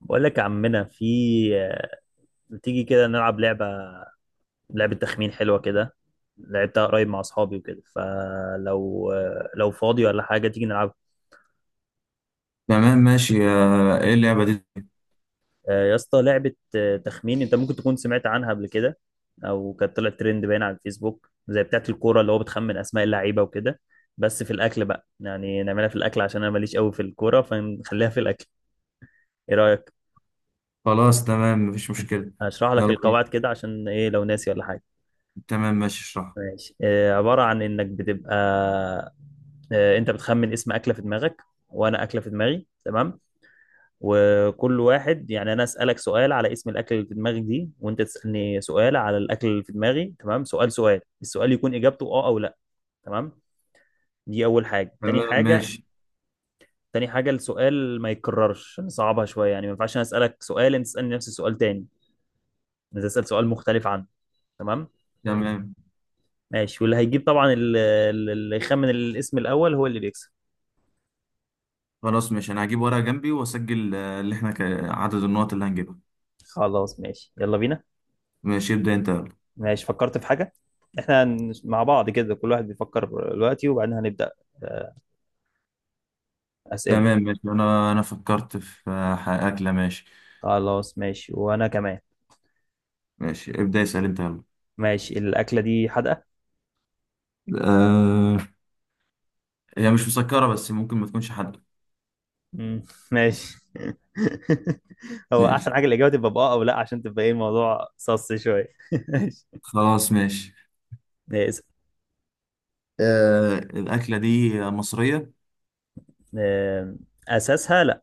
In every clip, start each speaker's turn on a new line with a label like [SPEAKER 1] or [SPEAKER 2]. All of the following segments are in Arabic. [SPEAKER 1] بقول لك يا عمنا، ما تيجي كده نلعب لعبة تخمين حلوة كده. لعبتها قريب مع أصحابي وكده، لو فاضي ولا حاجة تيجي نلعبها.
[SPEAKER 2] تمام ماشي. ايه اللعبة دي؟
[SPEAKER 1] يا اسطى، لعبة تخمين. أنت ممكن تكون سمعت عنها قبل كده، أو كانت طلعت ترند باين على الفيسبوك زي بتاعة الكورة اللي هو بتخمن أسماء اللعيبة وكده، بس في الأكل بقى، يعني نعملها في الأكل عشان أنا ماليش قوي في الكورة، فنخليها في الأكل. إيه رأيك؟
[SPEAKER 2] خلاص تمام، مفيش مشكلة.
[SPEAKER 1] هشرح لك
[SPEAKER 2] يلا بينا.
[SPEAKER 1] القواعد كده عشان إيه لو ناسي ولا حاجة.
[SPEAKER 2] تمام ماشي، اشرح.
[SPEAKER 1] ماشي. عبارة عن إنك بتبقى، أنت بتخمن اسم أكلة في دماغك وأنا أكلة في دماغي. تمام. وكل واحد، يعني أنا أسألك سؤال على اسم الأكلة اللي في دماغك دي، وأنت تسألني سؤال على الأكل اللي في دماغي. تمام. سؤال. السؤال يكون إجابته أه أو لأ. تمام، دي أول حاجة. تاني
[SPEAKER 2] تمام
[SPEAKER 1] حاجة،
[SPEAKER 2] ماشي.
[SPEAKER 1] السؤال ما يتكررش، نصعبها شوية. يعني ما ينفعش أنا أسألك سؤال أنت تسألني نفس السؤال تاني، أنت تسأل سؤال مختلف عنه. تمام.
[SPEAKER 2] تمام.
[SPEAKER 1] ماشي. واللي هيجيب طبعا، اللي يخمن الاسم الأول هو اللي بيكسب.
[SPEAKER 2] خلاص ماشي، انا هجيب ورقة جنبي واسجل اللي احنا عدد النقط اللي هنجيبها.
[SPEAKER 1] خلاص ماشي، يلا بينا.
[SPEAKER 2] ماشي، ابدأ انت، يلا.
[SPEAKER 1] ماشي، فكرت في حاجة. احنا مع بعض كده كل واحد بيفكر دلوقتي، وبعدين هنبدأ. آه، أسئلة.
[SPEAKER 2] تمام ماشي، انا فكرت في أكلة، ماشي.
[SPEAKER 1] خلاص ماشي، وأنا كمان.
[SPEAKER 2] ماشي، ابدأ اسأل انت، يلا.
[SPEAKER 1] ماشي. الأكلة دي حادقة؟
[SPEAKER 2] آه... هي مش مسكرة، بس ممكن ما تكونش حادقة.
[SPEAKER 1] مم، ماشي. هو
[SPEAKER 2] ماشي.
[SPEAKER 1] أحسن حاجة الإجابة تبقى بأه أو لأ عشان تبقى إيه الموضوع صص شوية.
[SPEAKER 2] خلاص ماشي.
[SPEAKER 1] ماشي، اسأل.
[SPEAKER 2] الأكلة دي مصرية؟
[SPEAKER 1] آم، أساسها لأ.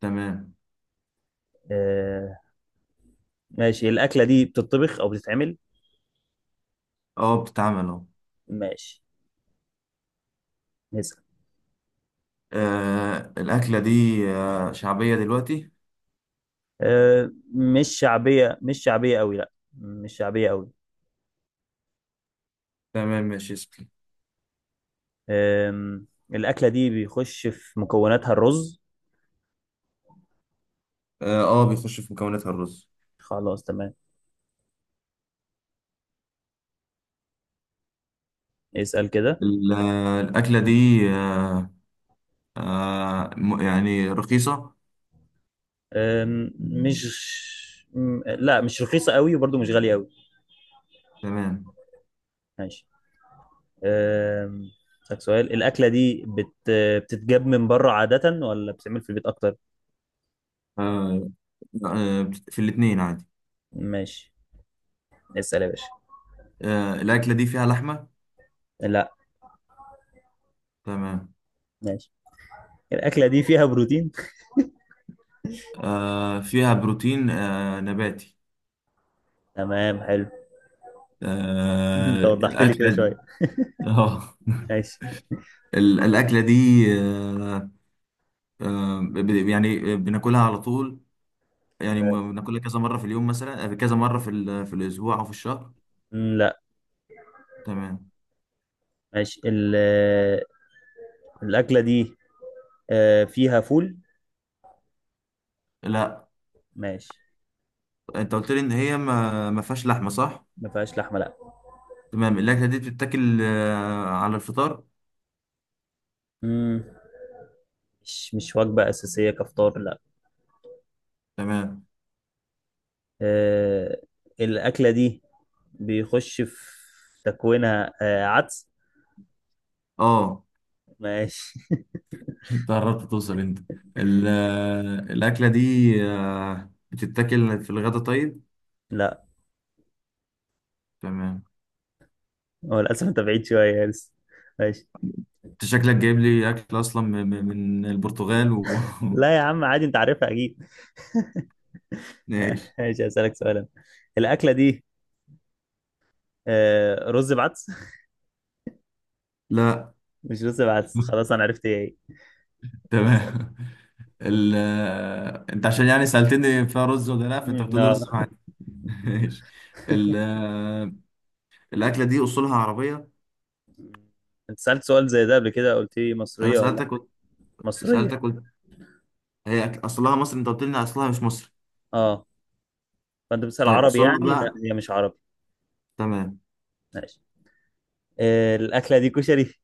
[SPEAKER 2] تمام.
[SPEAKER 1] آه، ماشي. الأكلة دي بتطبخ أو بتتعمل؟
[SPEAKER 2] اه، بتتعمل اهو.
[SPEAKER 1] ماشي، اسأل.
[SPEAKER 2] الأكلة دي شعبية دلوقتي؟
[SPEAKER 1] مش شعبية، مش شعبية أوي، لأ، مش شعبية أوي.
[SPEAKER 2] تمام ماشي، اسأل.
[SPEAKER 1] أم، الأكلة دي بيخش في مكوناتها الرز؟
[SPEAKER 2] اه، بيخش في مكوناتها الرز.
[SPEAKER 1] خلاص تمام. اسأل كده.
[SPEAKER 2] الأكلة دي آه يعني رخيصة؟
[SPEAKER 1] أم، مش م- لا، مش رخيصة قوي وبرضو مش غالية قوي.
[SPEAKER 2] تمام.
[SPEAKER 1] ماشي. أم، أسألك سؤال. الأكلة دي بتتجاب من بره عادة، ولا بتتعمل في البيت أكتر؟
[SPEAKER 2] آه آه في الاتنين عادي.
[SPEAKER 1] ماشي، اسأل يا باشا.
[SPEAKER 2] الأكلة دي فيها لحمة؟
[SPEAKER 1] لا.
[SPEAKER 2] تمام.
[SPEAKER 1] ماشي. الأكلة دي فيها بروتين؟
[SPEAKER 2] فيها بروتين نباتي.
[SPEAKER 1] تمام، حلو. انت وضحت لي كده
[SPEAKER 2] الأكلة
[SPEAKER 1] شوية.
[SPEAKER 2] دي... اه.
[SPEAKER 1] ماشي.
[SPEAKER 2] الأكلة دي آه يعني بناكلها على طول، يعني بناكلها كذا مرة في اليوم مثلا، كذا مرة في في الأسبوع أو في الشهر؟
[SPEAKER 1] لا.
[SPEAKER 2] تمام.
[SPEAKER 1] ماشي. ال... الأكلة دي فيها فول؟
[SPEAKER 2] لا.
[SPEAKER 1] ماشي.
[SPEAKER 2] أنت قلت لي إن هي ما فيهاش لحمة، صح؟
[SPEAKER 1] ما فيهاش لحمة لا.
[SPEAKER 2] تمام. الأكلة دي بتتاكل على الفطار؟
[SPEAKER 1] مم. مش وجبة أساسية كفطار لا.
[SPEAKER 2] تمام.
[SPEAKER 1] آه، الأكلة دي بيخش في تكوينها عدس؟
[SPEAKER 2] أه.
[SPEAKER 1] ماشي.
[SPEAKER 2] أنت قربت توصل، أنت. الأكلة دي، بتتاكل في الغدا طيب؟
[SPEAKER 1] لا،
[SPEAKER 2] تمام.
[SPEAKER 1] هو للأسف أنت بعيد شوية يا لسه. ماشي.
[SPEAKER 2] أنت شكلك جايب لي أكل أصلا من البرتغال و
[SPEAKER 1] لا يا عم عادي، أنت عارفها أكيد.
[SPEAKER 2] ماشي.
[SPEAKER 1] ماشي، هسألك سؤالا. الأكلة دي رز بعدس؟
[SPEAKER 2] لا.
[SPEAKER 1] مش رز بعدس، خلاص، أنا عرفت إيه هي.
[SPEAKER 2] تمام. ال... انت عشان يعني سألتني فيها رز ولا لا، فانت
[SPEAKER 1] مم،
[SPEAKER 2] بتقول لي
[SPEAKER 1] آه.
[SPEAKER 2] رز مع... ماشي. ال... الاكله دي اصولها عربيه؟
[SPEAKER 1] أنت سألت سؤال زي ده قبل كده، قلت لي
[SPEAKER 2] انا
[SPEAKER 1] مصرية ولا لا،
[SPEAKER 2] سألتك،
[SPEAKER 1] مصرية.
[SPEAKER 2] سألتك قلت هي اصلها مصري، انت قلت لي إن اصلها مش مصري.
[SPEAKER 1] أه، فأنت بتسأل
[SPEAKER 2] طيب
[SPEAKER 1] عربي
[SPEAKER 2] اصولها
[SPEAKER 1] يعني، لا
[SPEAKER 2] بقى.
[SPEAKER 1] هي مش عربي.
[SPEAKER 2] تمام.
[SPEAKER 1] ماشي. الأكلة دي كشري؟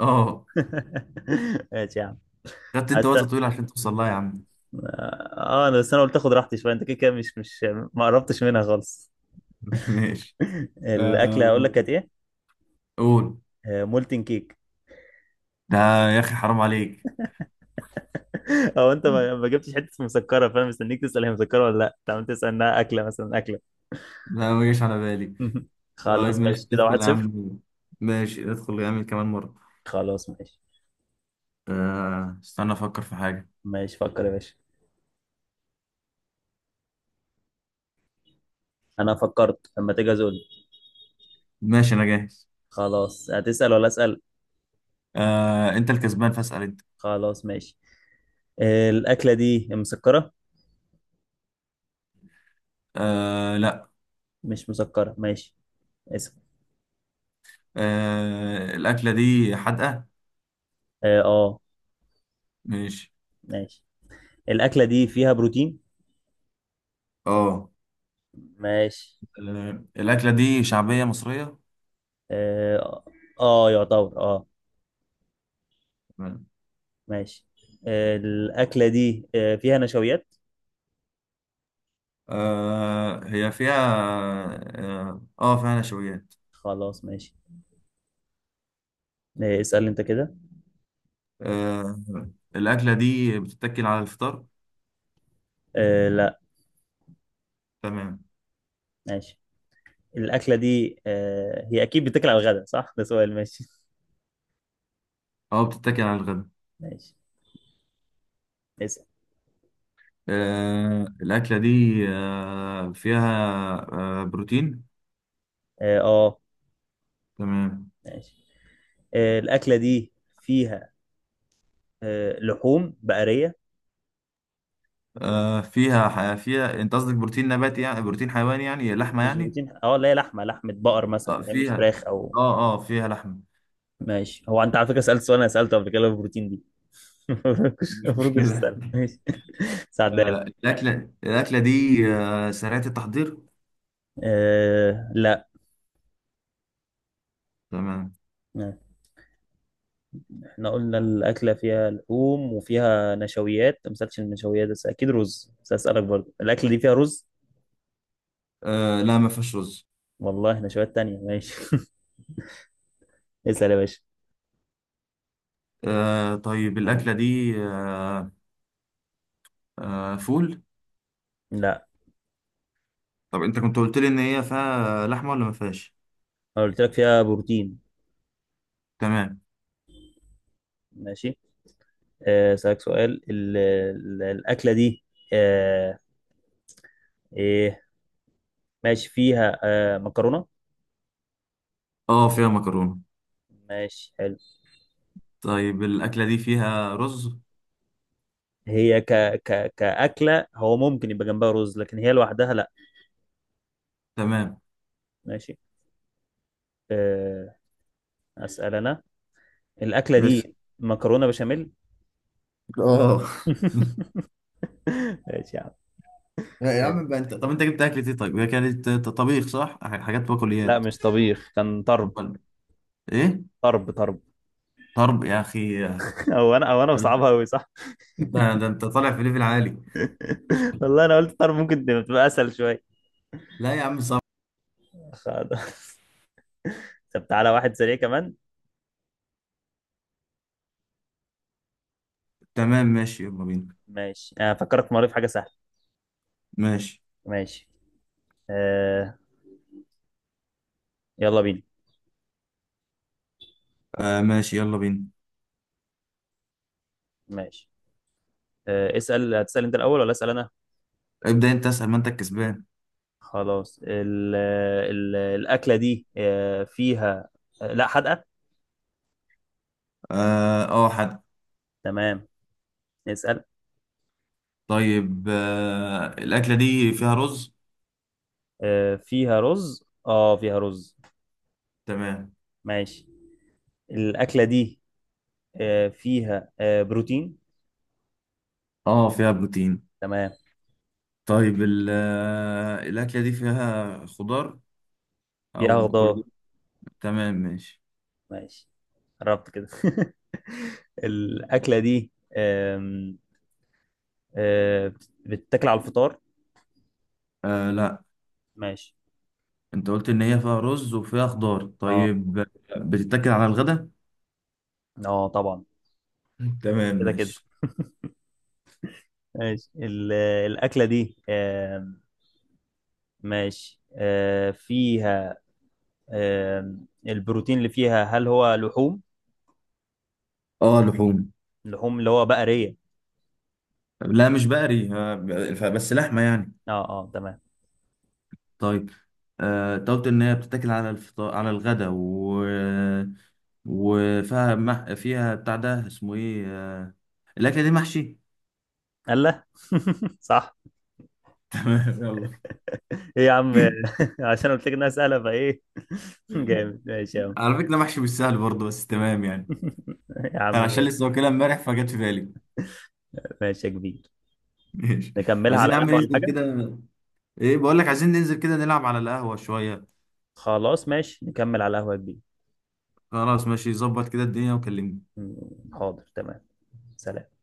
[SPEAKER 2] اه.
[SPEAKER 1] ماشي يا عم.
[SPEAKER 2] خدت انت
[SPEAKER 1] أست...
[SPEAKER 2] وقت طويل عشان توصل لها يا عم.
[SPEAKER 1] اه، انا بس، انا قلت اخد راحتي شويه، انت كده كده مش ما قربتش منها خالص.
[SPEAKER 2] ماشي.
[SPEAKER 1] الاكله هقول لك
[SPEAKER 2] آه،
[SPEAKER 1] كانت ايه.
[SPEAKER 2] قول.
[SPEAKER 1] مولتن كيك.
[SPEAKER 2] ده يا اخي حرام عليك.
[SPEAKER 1] او انت ما جبتش حته مسكره، فانا مستنيك تسال هي مسكره ولا لا، طب انت عم تسال انها اكله مثلا اكله.
[SPEAKER 2] لا، ما جاش على بالي. طيب
[SPEAKER 1] خلاص
[SPEAKER 2] ماشي،
[SPEAKER 1] ماشي، كده
[SPEAKER 2] ندخل
[SPEAKER 1] واحد
[SPEAKER 2] يا
[SPEAKER 1] صفر
[SPEAKER 2] عم. ماشي، ندخل يا عم كمان مرة.
[SPEAKER 1] خلاص ماشي.
[SPEAKER 2] استنى افكر في حاجة.
[SPEAKER 1] ماشي، فكر يا باشا. انا فكرت، لما تيجي ازول.
[SPEAKER 2] ماشي، انا جاهز.
[SPEAKER 1] خلاص، هتسال ولا اسال؟
[SPEAKER 2] انت الكسبان فاسأل انت.
[SPEAKER 1] خلاص ماشي. الاكله دي مسكره؟
[SPEAKER 2] لا.
[SPEAKER 1] مش مسكره، ماشي. اسال.
[SPEAKER 2] الاكلة دي حادقة؟
[SPEAKER 1] اه،
[SPEAKER 2] ماشي.
[SPEAKER 1] ماشي. الأكلة دي فيها بروتين؟
[SPEAKER 2] اه.
[SPEAKER 1] ماشي.
[SPEAKER 2] الاكلة دي شعبية مصرية؟
[SPEAKER 1] اه، يعتبر اه.
[SPEAKER 2] تمام.
[SPEAKER 1] ماشي. الأكلة دي فيها نشويات؟
[SPEAKER 2] هي فيها، اه، فيها نشويات.
[SPEAKER 1] خلاص ماشي. اسأل انت كده.
[SPEAKER 2] آه، الاكلة دي بتتاكل على الفطار؟
[SPEAKER 1] لا.
[SPEAKER 2] تمام.
[SPEAKER 1] ماشي. الأكلة دي هي أكيد بتاكل على الغداء، صح؟ ده سؤال، ماشي.
[SPEAKER 2] اه، بتتاكل على الغداء.
[SPEAKER 1] ماشي، اسأل.
[SPEAKER 2] الاكلة دي، فيها بروتين؟
[SPEAKER 1] اه،
[SPEAKER 2] تمام.
[SPEAKER 1] ماشي. الأكلة دي فيها لحوم بقرية؟
[SPEAKER 2] فيها انت قصدك بروتين نباتي يعني بروتين حيواني، يعني لحمه
[SPEAKER 1] مش
[SPEAKER 2] يعني؟
[SPEAKER 1] بروتين اه، لا، هي لحمة، لحمة بقر مثلا، هي مش
[SPEAKER 2] فيها.
[SPEAKER 1] فراخ أو.
[SPEAKER 2] اه فيها لحمه.
[SPEAKER 1] ماشي. هو انت على فكره سالت سؤال انا سالته قبل كده، اللي هو البروتين دي.
[SPEAKER 2] مش
[SPEAKER 1] المفروض كنت
[SPEAKER 2] مشكله.
[SPEAKER 1] تسال، ماشي. ساعدها لك.
[SPEAKER 2] الاكله دي سريعه التحضير؟
[SPEAKER 1] لا.
[SPEAKER 2] تمام.
[SPEAKER 1] احنا قلنا الاكله فيها لحوم وفيها نشويات، ما سالتش النشويات، بس اكيد رز، بس اسالك برضه الاكله دي فيها رز؟
[SPEAKER 2] لا، ما فيهاش رز.
[SPEAKER 1] والله نشويات تانية، ماشي. اسال يا باشا.
[SPEAKER 2] طيب، الاكله دي فول؟
[SPEAKER 1] لا،
[SPEAKER 2] طب انت كنت قلت لي ان هي فيها لحمه ولا ما فيهاش؟
[SPEAKER 1] انا قلت لك فيها بروتين.
[SPEAKER 2] تمام.
[SPEAKER 1] ماشي. اسالك سؤال. الاكله دي، أه ايه، ماشي، فيها مكرونه؟
[SPEAKER 2] اه فيها مكرونه.
[SPEAKER 1] ماشي، حلو.
[SPEAKER 2] طيب الاكله دي فيها رز؟
[SPEAKER 1] هي كأكلة هو ممكن يبقى جنبها رز، لكن هي لوحدها لا.
[SPEAKER 2] تمام.
[SPEAKER 1] ماشي. أه... أسأل أنا. الأكلة
[SPEAKER 2] بس
[SPEAKER 1] دي مكرونة بشاميل؟
[SPEAKER 2] اه.
[SPEAKER 1] ماشي يا عم.
[SPEAKER 2] لا يا
[SPEAKER 1] إيه.
[SPEAKER 2] عم بقى، انت طب انت جبت اكلة ايه طيب؟ هي كانت طبيخ صح؟ حاجات
[SPEAKER 1] لا،
[SPEAKER 2] بقوليات؟
[SPEAKER 1] مش طبيخ، كان طرب.
[SPEAKER 2] امال ايه؟
[SPEAKER 1] طرب طرب.
[SPEAKER 2] طرب يا اخي.
[SPEAKER 1] أو أنا بصعبها أوي، صح؟
[SPEAKER 2] انت ده انت طالع في ليفل عالي.
[SPEAKER 1] والله أنا قلت طرب ممكن تبقى أسهل شوية.
[SPEAKER 2] لا يا عم، صعب.
[SPEAKER 1] خلاص. طب تعالى واحد سريع كمان.
[SPEAKER 2] تمام ماشي، يلا بينا.
[SPEAKER 1] ماشي، أنا فكرت مرة في حاجة سهلة.
[SPEAKER 2] ماشي.
[SPEAKER 1] ماشي. أه... يلا بينا.
[SPEAKER 2] ماشي يلا بينا.
[SPEAKER 1] ماشي. اسأل، هتسأل أنت الأول ولا أسأل أنا؟
[SPEAKER 2] ابدأ انت اسأل ما انت الكسبان.
[SPEAKER 1] خلاص، ال ال الأكلة دي فيها لا حدقة؟
[SPEAKER 2] اه حد.
[SPEAKER 1] تمام، نسأل.
[SPEAKER 2] طيب، الأكلة دي فيها رز؟
[SPEAKER 1] فيها رز، اه، فيها رز.
[SPEAKER 2] تمام.
[SPEAKER 1] ماشي. الأكلة دي فيها بروتين؟
[SPEAKER 2] اه فيها بروتين.
[SPEAKER 1] تمام.
[SPEAKER 2] طيب، الأكلة دي فيها خضار؟
[SPEAKER 1] فيها
[SPEAKER 2] أو
[SPEAKER 1] خضار.
[SPEAKER 2] بقول... تمام ماشي.
[SPEAKER 1] ماشي. قربت كده. الأكلة دي، آم، بتتاكل على الفطار؟
[SPEAKER 2] لا.
[SPEAKER 1] ماشي.
[SPEAKER 2] انت قلت ان هي فيها رز وفيها خضار
[SPEAKER 1] اه
[SPEAKER 2] طيب؟ بتتاكل على الغدا؟
[SPEAKER 1] اه، طبعا.
[SPEAKER 2] تمام
[SPEAKER 1] كده كده.
[SPEAKER 2] ماشي.
[SPEAKER 1] ماشي. الأكلة دي، ماشي فيها البروتين اللي فيها هل هو لحوم؟
[SPEAKER 2] اه، لحوم.
[SPEAKER 1] لحوم اللي هو بقرية؟
[SPEAKER 2] لا، مش بقري، بس لحمه يعني.
[SPEAKER 1] اه اه، تمام.
[SPEAKER 2] طيب. انت قلت ان هي بتتاكل على الفطار على الغدا، و وفيها فيها بتاع ده اسمه ايه، الاكله دي محشي؟
[SPEAKER 1] الله. صح.
[SPEAKER 2] تمام، يلا.
[SPEAKER 1] ايه يا عم. عشان قلت لك انها سهلة، فايه؟ جامد، ماشي يا عم.
[SPEAKER 2] على فكره، محشي مش سهل برضه، بس تمام يعني.
[SPEAKER 1] يا عم
[SPEAKER 2] انا عشان لسه
[SPEAKER 1] ماشي.
[SPEAKER 2] واكلها امبارح، فجت في بالي.
[SPEAKER 1] ماشي يا كبير.
[SPEAKER 2] ماشي.
[SPEAKER 1] نكملها
[SPEAKER 2] عايزين
[SPEAKER 1] على
[SPEAKER 2] يا عم
[SPEAKER 1] القهوة ولا
[SPEAKER 2] ننزل
[SPEAKER 1] حاجة؟
[SPEAKER 2] كده. ايه بقول لك، عايزين ننزل كده نلعب على القهوه شويه.
[SPEAKER 1] خلاص ماشي، نكمل على القهوة يا كبير.
[SPEAKER 2] خلاص ماشي، ظبط كده الدنيا وكلمني.
[SPEAKER 1] حاضر تمام. سلام.